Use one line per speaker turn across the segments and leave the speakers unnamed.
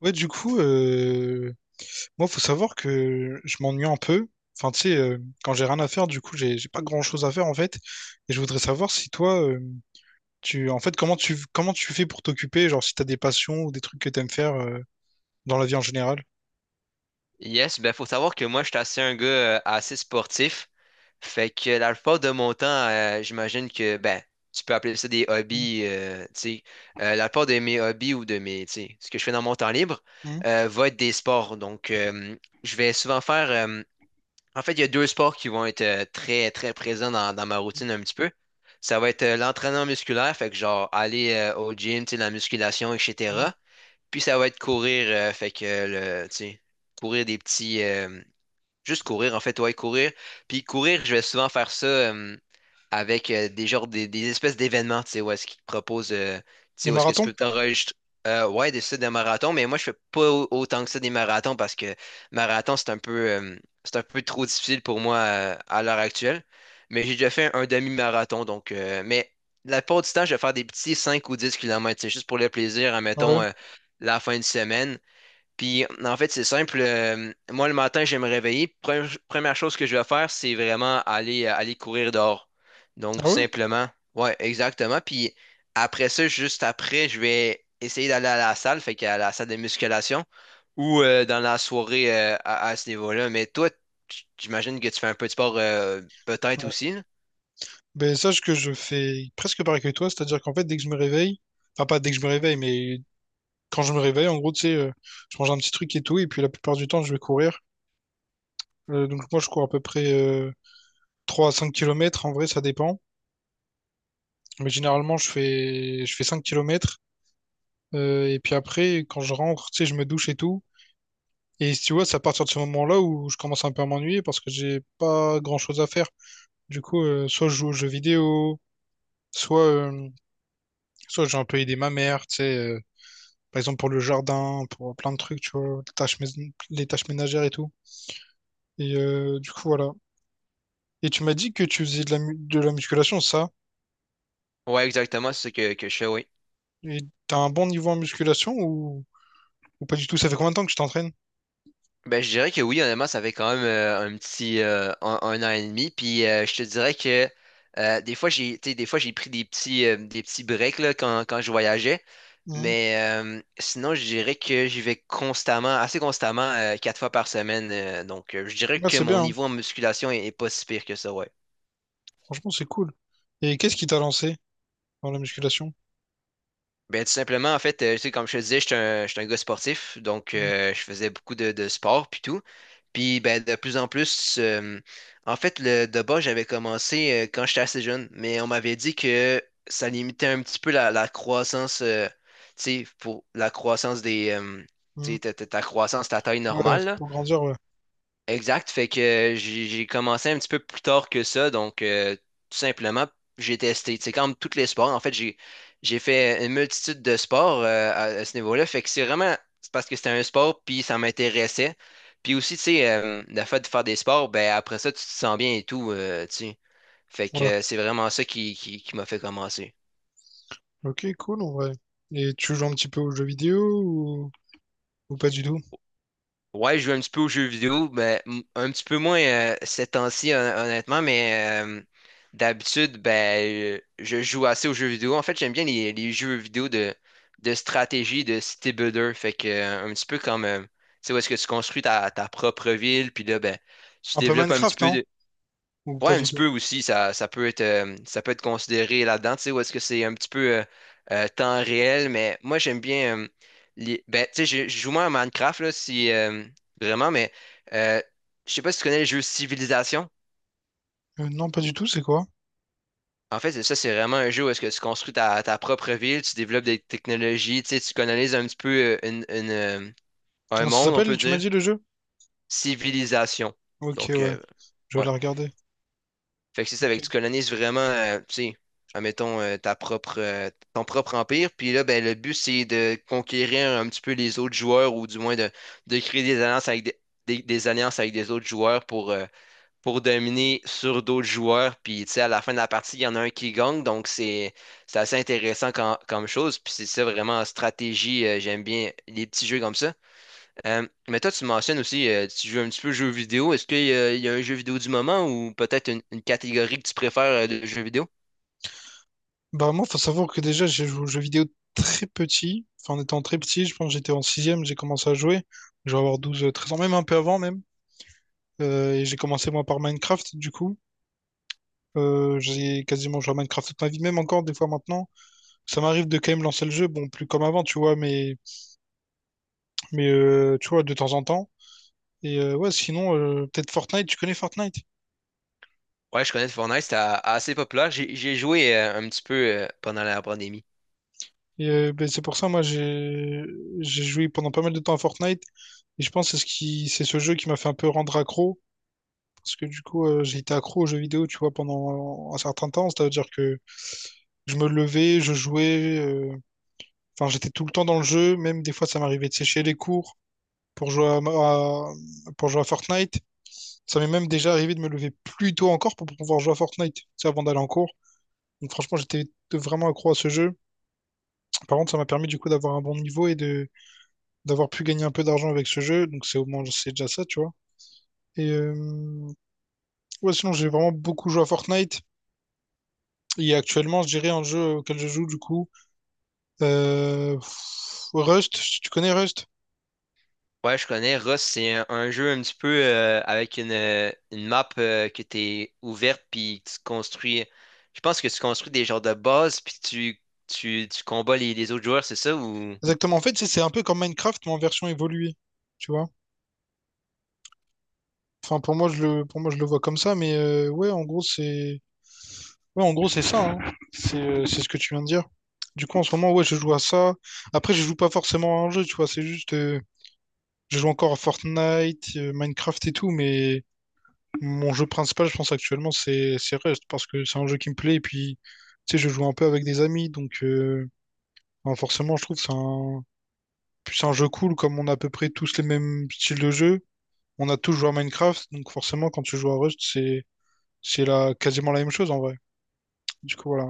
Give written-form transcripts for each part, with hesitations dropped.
Ouais, du coup, moi, faut savoir que je m'ennuie un peu. Enfin, tu sais, quand j'ai rien à faire, du coup, j'ai pas grand-chose à faire en fait. Et je voudrais savoir si toi, comment tu fais pour t'occuper, genre si t'as des passions ou des trucs que t'aimes faire dans la vie en général.
Yes, ben faut savoir que moi, je suis assez un gars assez sportif. Fait que la plupart de mon temps, j'imagine que ben, tu peux appeler ça des
Mhm,
hobbies, tu sais. La plupart de mes hobbies ou de mes, tu sais, ce que je fais dans mon temps libre,
mhm,
va être des sports. Donc, je vais souvent faire. En fait, il y a deux sports qui vont être très, très présents dans ma routine un petit peu. Ça va être l'entraînement musculaire, fait que genre aller au gym, tu sais, la musculation,
mhm.
etc. Puis ça va être courir, fait que le, tu sais, courir des petits. Juste courir, en fait, ouais, courir. Puis courir, je vais souvent faire ça avec des genres des espèces d'événements, tu sais, où est-ce qu'ils te proposent, tu
Des
sais, où est-ce que tu
marathons?
peux t'enregistrer. Ouais, des ça, des marathons, mais moi, je fais pas autant que ça des marathons parce que marathon, c'est un peu trop difficile pour moi à l'heure actuelle. Mais j'ai déjà fait un demi-marathon, donc, mais la plupart du temps, je vais faire des petits 5 ou 10 kilomètres, c'est juste pour le plaisir,
Ah
admettons,
ouais.
la fin de semaine. Puis en fait, c'est simple. Moi, le matin, je vais me réveiller. Première chose que je vais faire, c'est vraiment aller, aller courir dehors. Donc,
Ah
tout
ouais?
simplement. Ouais, exactement. Puis après ça, juste après, je vais essayer d'aller à la salle, fait qu'à la salle de musculation ou dans la soirée à ce niveau-là. Mais toi, j'imagine que tu fais un peu de sport peut-être
Ouais.
aussi, là.
Ben sache que je fais presque pareil que toi, c'est-à-dire qu'en fait, dès que je me réveille, enfin pas dès que je me réveille, mais quand je me réveille, en gros, tu sais, je mange un petit truc et tout, et puis la plupart du temps, je vais courir. Donc moi je cours à peu près 3 à 5 kilomètres, en vrai ça dépend. Mais généralement je fais 5 km, et puis après, quand je rentre, tu sais, je me douche et tout. Et si tu vois, c'est à partir de ce moment-là où je commence un peu à m'ennuyer parce que j'ai pas grand-chose à faire. Du coup, soit je joue aux jeux vidéo, soit, euh, soit j'ai un peu aidé ma mère, tu sais, par exemple pour le jardin, pour plein de trucs, tu vois, les tâches ménagères et tout. Et du coup, voilà. Et tu m'as dit que tu faisais de de la musculation, ça?
Ouais, exactement. C'est ce que je fais, oui.
Et t'as un bon niveau en musculation, ou pas du tout? Ça fait combien de temps que tu t'entraînes?
Ben, je dirais que oui, honnêtement, ça fait quand même un petit un, 1 an et demi. Puis je te dirais que des fois j'ai, tu sais, des fois j'ai pris des petits breaks là, quand, quand je voyageais.
Mhm.
Mais sinon, je dirais que j'y vais constamment, assez constamment, quatre fois par semaine. Donc je dirais
Ouais,
que
c'est
mon
bien, hein.
niveau en musculation est, est pas si pire que ça, ouais.
Franchement, c'est cool. Et qu'est-ce qui t'a lancé dans la musculation?
Ben, tout simplement, en fait, tu sais, comme je te disais, je suis un gars sportif, donc
Mhm.
je faisais beaucoup de sport puis tout. Puis ben, de plus en plus, en fait, le de bas, j'avais commencé quand j'étais assez jeune, mais on m'avait dit que ça limitait un petit peu la, la croissance, tu sais, pour la croissance des, tu
Mhm.
sais, ta, ta croissance, ta taille
Ouais,
normale, là.
pour grandir, ouais.
Exact, fait que j'ai commencé un petit peu plus tard que ça, donc tout simplement, j'ai testé, c'est comme tous les sports, en fait, j'ai fait une multitude de sports à ce niveau-là, fait que c'est vraiment, c'est parce que c'était un sport, puis ça m'intéressait, puis aussi, tu sais, la fait de faire des sports, ben après ça, tu te sens bien et tout, tu sais, fait que
Ouais.
c'est vraiment ça qui m'a fait commencer.
Ok, cool, en vrai. Et tu joues un petit peu aux jeux vidéo, ou pas du tout?
Ouais, je joue un petit peu aux jeux vidéo, ben, un petit peu moins ces temps-ci, honnêtement, mais d'habitude, ben, je joue assez aux jeux vidéo. En fait, j'aime bien les jeux vidéo de stratégie, de city builder. Fait que, un petit peu comme, tu sais, où est-ce que tu construis ta, ta propre ville, puis là, ben, tu
Un peu
développes un petit
Minecraft,
peu
non?
de.
Ou
Ouais,
pas
un
du
petit peu
tout?
aussi, ça, ça peut être considéré là-dedans, tu sais, où est-ce que c'est un petit peu temps réel, mais moi j'aime bien, les- ben, tu sais, je joue moins à Minecraft, là, si, vraiment, mais euh, je sais pas si tu connais le jeu Civilisation.
Non, pas du tout, c'est quoi?
En fait, ça, c'est vraiment un jeu où est-ce que tu construis ta, ta propre ville, tu développes des technologies, tu sais, tu colonises un petit peu une, un
Comment ça
monde, on
s'appelle,
peut
tu m'as
dire.
dit, le jeu?
Civilisation.
Ok,
Donc,
ouais, je vais
ouais.
la regarder.
Fait que c'est ça, fait
Ok.
que tu colonises vraiment, tu sais, admettons, ta propre, ton propre empire. Puis là, ben, le but, c'est de conquérir un petit peu les autres joueurs ou du moins de créer des alliances avec des, des alliances avec des autres joueurs pour dominer sur d'autres joueurs. Puis, tu sais, à la fin de la partie, il y en a un qui gagne. Donc, c'est assez intéressant comme chose. Puis, c'est ça vraiment en stratégie. J'aime bien les petits jeux comme ça. Mais toi, tu mentionnes aussi, tu joues un petit peu aux jeux vidéo. Est-ce qu'il y a, il y a un jeu vidéo du moment ou peut-être une catégorie que tu préfères de jeux vidéo?
Bah moi, faut savoir que déjà, j'ai joué aux jeux vidéo très petit. Enfin, en étant très petit, je pense que j'étais en sixième, j'ai commencé à jouer. Je vais avoir 12 13 ans, même un peu avant même. Et j'ai commencé moi par Minecraft, du coup. J'ai quasiment joué à Minecraft toute ma vie, même encore des fois maintenant. Ça m'arrive de quand même lancer le jeu, bon, plus comme avant, tu vois, mais, tu vois, de temps en temps. Et ouais, sinon, peut-être Fortnite, tu connais Fortnite?
Ouais, je connais Fortnite, c'est assez populaire. J'ai joué un petit peu pendant la pandémie.
Et ben, c'est pour ça, moi, j'ai joué pendant pas mal de temps à Fortnite. Et je pense que c'est c'est ce jeu qui m'a fait un peu rendre accro. Parce que du coup, j'ai été accro aux jeux vidéo, tu vois, pendant un certain temps. C'est-à-dire que je me levais, je jouais. Enfin, j'étais tout le temps dans le jeu. Même des fois, ça m'arrivait de sécher les cours pour jouer à, à- pour jouer à Fortnite. Ça m'est même déjà arrivé de me lever plus tôt encore pour pouvoir jouer à Fortnite, tu sais, avant d'aller en cours. Donc franchement, j'étais vraiment accro à ce jeu. Par contre, ça m'a permis du coup d'avoir un bon niveau et de d'avoir pu gagner un peu d'argent avec ce jeu. Donc c'est au moins, c'est déjà ça, tu vois. Et ouais, sinon, j'ai vraiment beaucoup joué à Fortnite. Et actuellement, je dirais un jeu auquel je joue du coup, euh, Rust, tu connais Rust?
Ouais, je connais. Rust, c'est un jeu un petit peu avec une map que t'es ouverte, puis que tu construis. Je pense que tu construis des genres de bases, puis tu combats les autres joueurs, c'est ça? Ou…
Exactement. En fait, c'est un peu comme Minecraft, mais en version évoluée, tu vois? Enfin, pour moi, je le vois comme ça, mais ouais, en gros, c'est ouais, en gros, c'est ça, hein. C'est ce que tu viens de dire. Du coup, en ce moment, ouais, je joue à ça. Après, je joue pas forcément à un jeu, tu vois, c'est je joue encore à Fortnite, Minecraft et tout, mais mon jeu principal, je pense actuellement, c'est Rust, parce que c'est un jeu qui me plaît, et puis, tu sais, je joue un peu avec des amis, enfin, forcément, je trouve que puis c'est un jeu cool, comme on a à peu près tous les mêmes styles de jeu. On a tous joué à Minecraft, donc forcément, quand tu joues à Rust, quasiment la même chose en vrai. Du coup, voilà.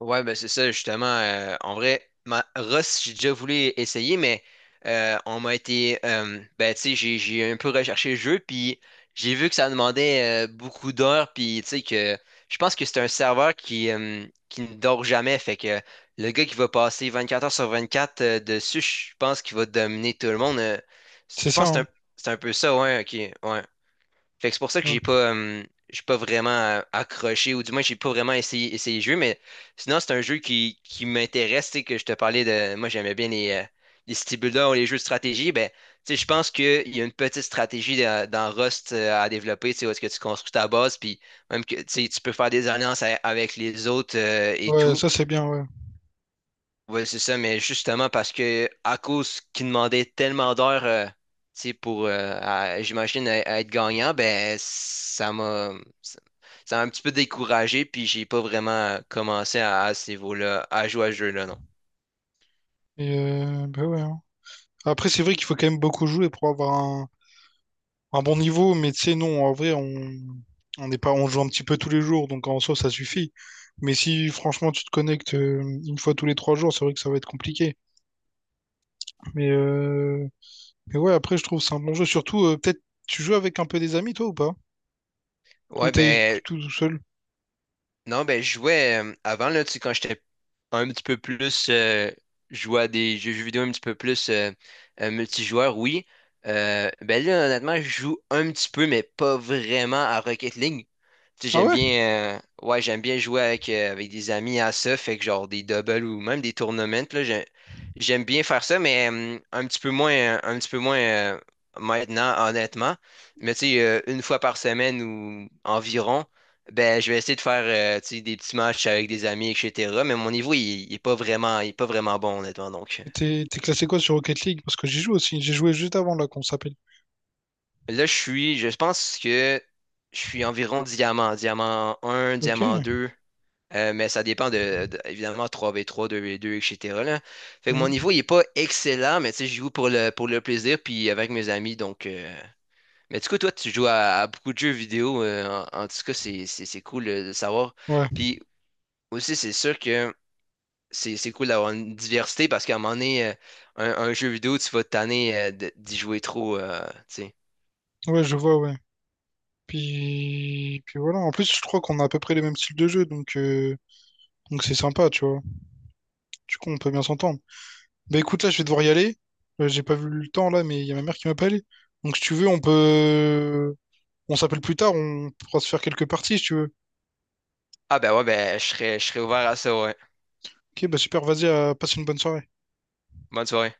Ouais, ben c'est ça, justement. En vrai, ma Rust, j'ai déjà voulu essayer, mais on m'a été. Ben, tu sais, j'ai un peu recherché le jeu, puis j'ai vu que ça demandait beaucoup d'heures, puis tu sais, que je pense que c'est un serveur qui ne dort jamais. Fait que le gars qui va passer 24 heures sur 24 dessus, je pense qu'il va dominer tout le monde.
C'est
Je
ça,
pense que
hein.
c'est un peu ça, ouais, ok. Ouais. Fait que c'est pour ça que
Ouais.
j'ai pas vraiment accroché, ou du moins j'ai pas vraiment essayé, essayé le jeu, mais sinon c'est un jeu qui m'intéresse, tu sais, que je te parlais de. Moi j'aimais bien les city builders ou les jeux de stratégie. Ben, tu sais, je pense qu'il y a une petite stratégie dans, dans Rust à développer, tu sais, où est-ce que tu construis ta base, puis même que tu sais, tu peux faire des alliances avec les autres et
Ouais,
tout.
ça c'est bien, ouais.
Oui, c'est ça, mais justement parce que à cause qu'ils demandaient tellement d'heures tu sais, pour j'imagine à être gagnant, ben ça m'a ça ça m'a un petit peu découragé, puis j'ai pas vraiment commencé à ce niveau-là, à jouer à ce jeu-là, non.
Et bah ouais, hein. Après, c'est vrai qu'il faut quand même beaucoup jouer pour avoir un bon niveau, mais tu sais, non, en vrai, on n'est pas... on joue un petit peu tous les jours, donc en soi, ça suffit. Mais si franchement tu te connectes une fois tous les 3 jours, c'est vrai que ça va être compliqué. Mais euh, Mais ouais, après, je trouve que c'est un bon jeu. Surtout, peut-être, tu joues avec un peu des amis, toi, ou pas? Ou
Ouais,
t'es
ben
tout seul?
non, ben je jouais avant là, tu sais, quand j'étais un petit peu plus jouer à des jeux vidéo un petit peu plus multijoueur, oui. Ben là, honnêtement, je joue un petit peu, mais pas vraiment à Rocket League. Tu sais,
Ah
j'aime
ouais?
bien, ouais, j'aime bien jouer avec, avec des amis à ça, fait que genre des doubles ou même des tournaments, là, j'aime bien faire ça, mais un petit peu moins, un petit peu moins maintenant, honnêtement. Mais tu sais, une fois par semaine ou environ, ben, je vais essayer de faire tu sais, des petits matchs avec des amis, etc. Mais mon niveau, il est pas vraiment, il est pas vraiment bon, honnêtement. Donc,
Et t'es classé quoi sur Rocket League? Parce que j'y joue aussi. J'ai joué juste avant, là, qu'on s'appelle.
là, je suis, je pense que je suis environ diamant, diamant un
Ok.
diamant 2 mais ça dépend de, évidemment, trois v trois deux v 2 etc. là. Fait que mon
Mhm.
niveau, il est pas excellent, mais tu sais, je joue pour le plaisir, puis avec mes amis. Donc, mais du coup, toi, tu joues à beaucoup de jeux vidéo. En, en tout cas, c'est cool de savoir.
Ouais.
Puis aussi, c'est sûr que c'est cool d'avoir une diversité parce qu'à un moment donné, un jeu vidéo, tu vas te tanner d'y jouer trop. Tu sais.
Ouais, je vois, ouais. Puis voilà. En plus, je crois qu'on a à peu près les mêmes styles de jeu, donc c'est sympa, tu vois. Du coup, on peut bien s'entendre. Bah écoute, là, je vais devoir y aller. J'ai pas vu le temps, là, mais il y a ma mère qui m'appelle. Donc si tu veux, on peut... on s'appelle plus tard, on pourra se faire quelques parties, si tu veux.
Ah ben ouais, ben je serais ouvert à ça, ouais.
Ok, bah super, vas-y, à... passe une bonne soirée.
Bonne soirée.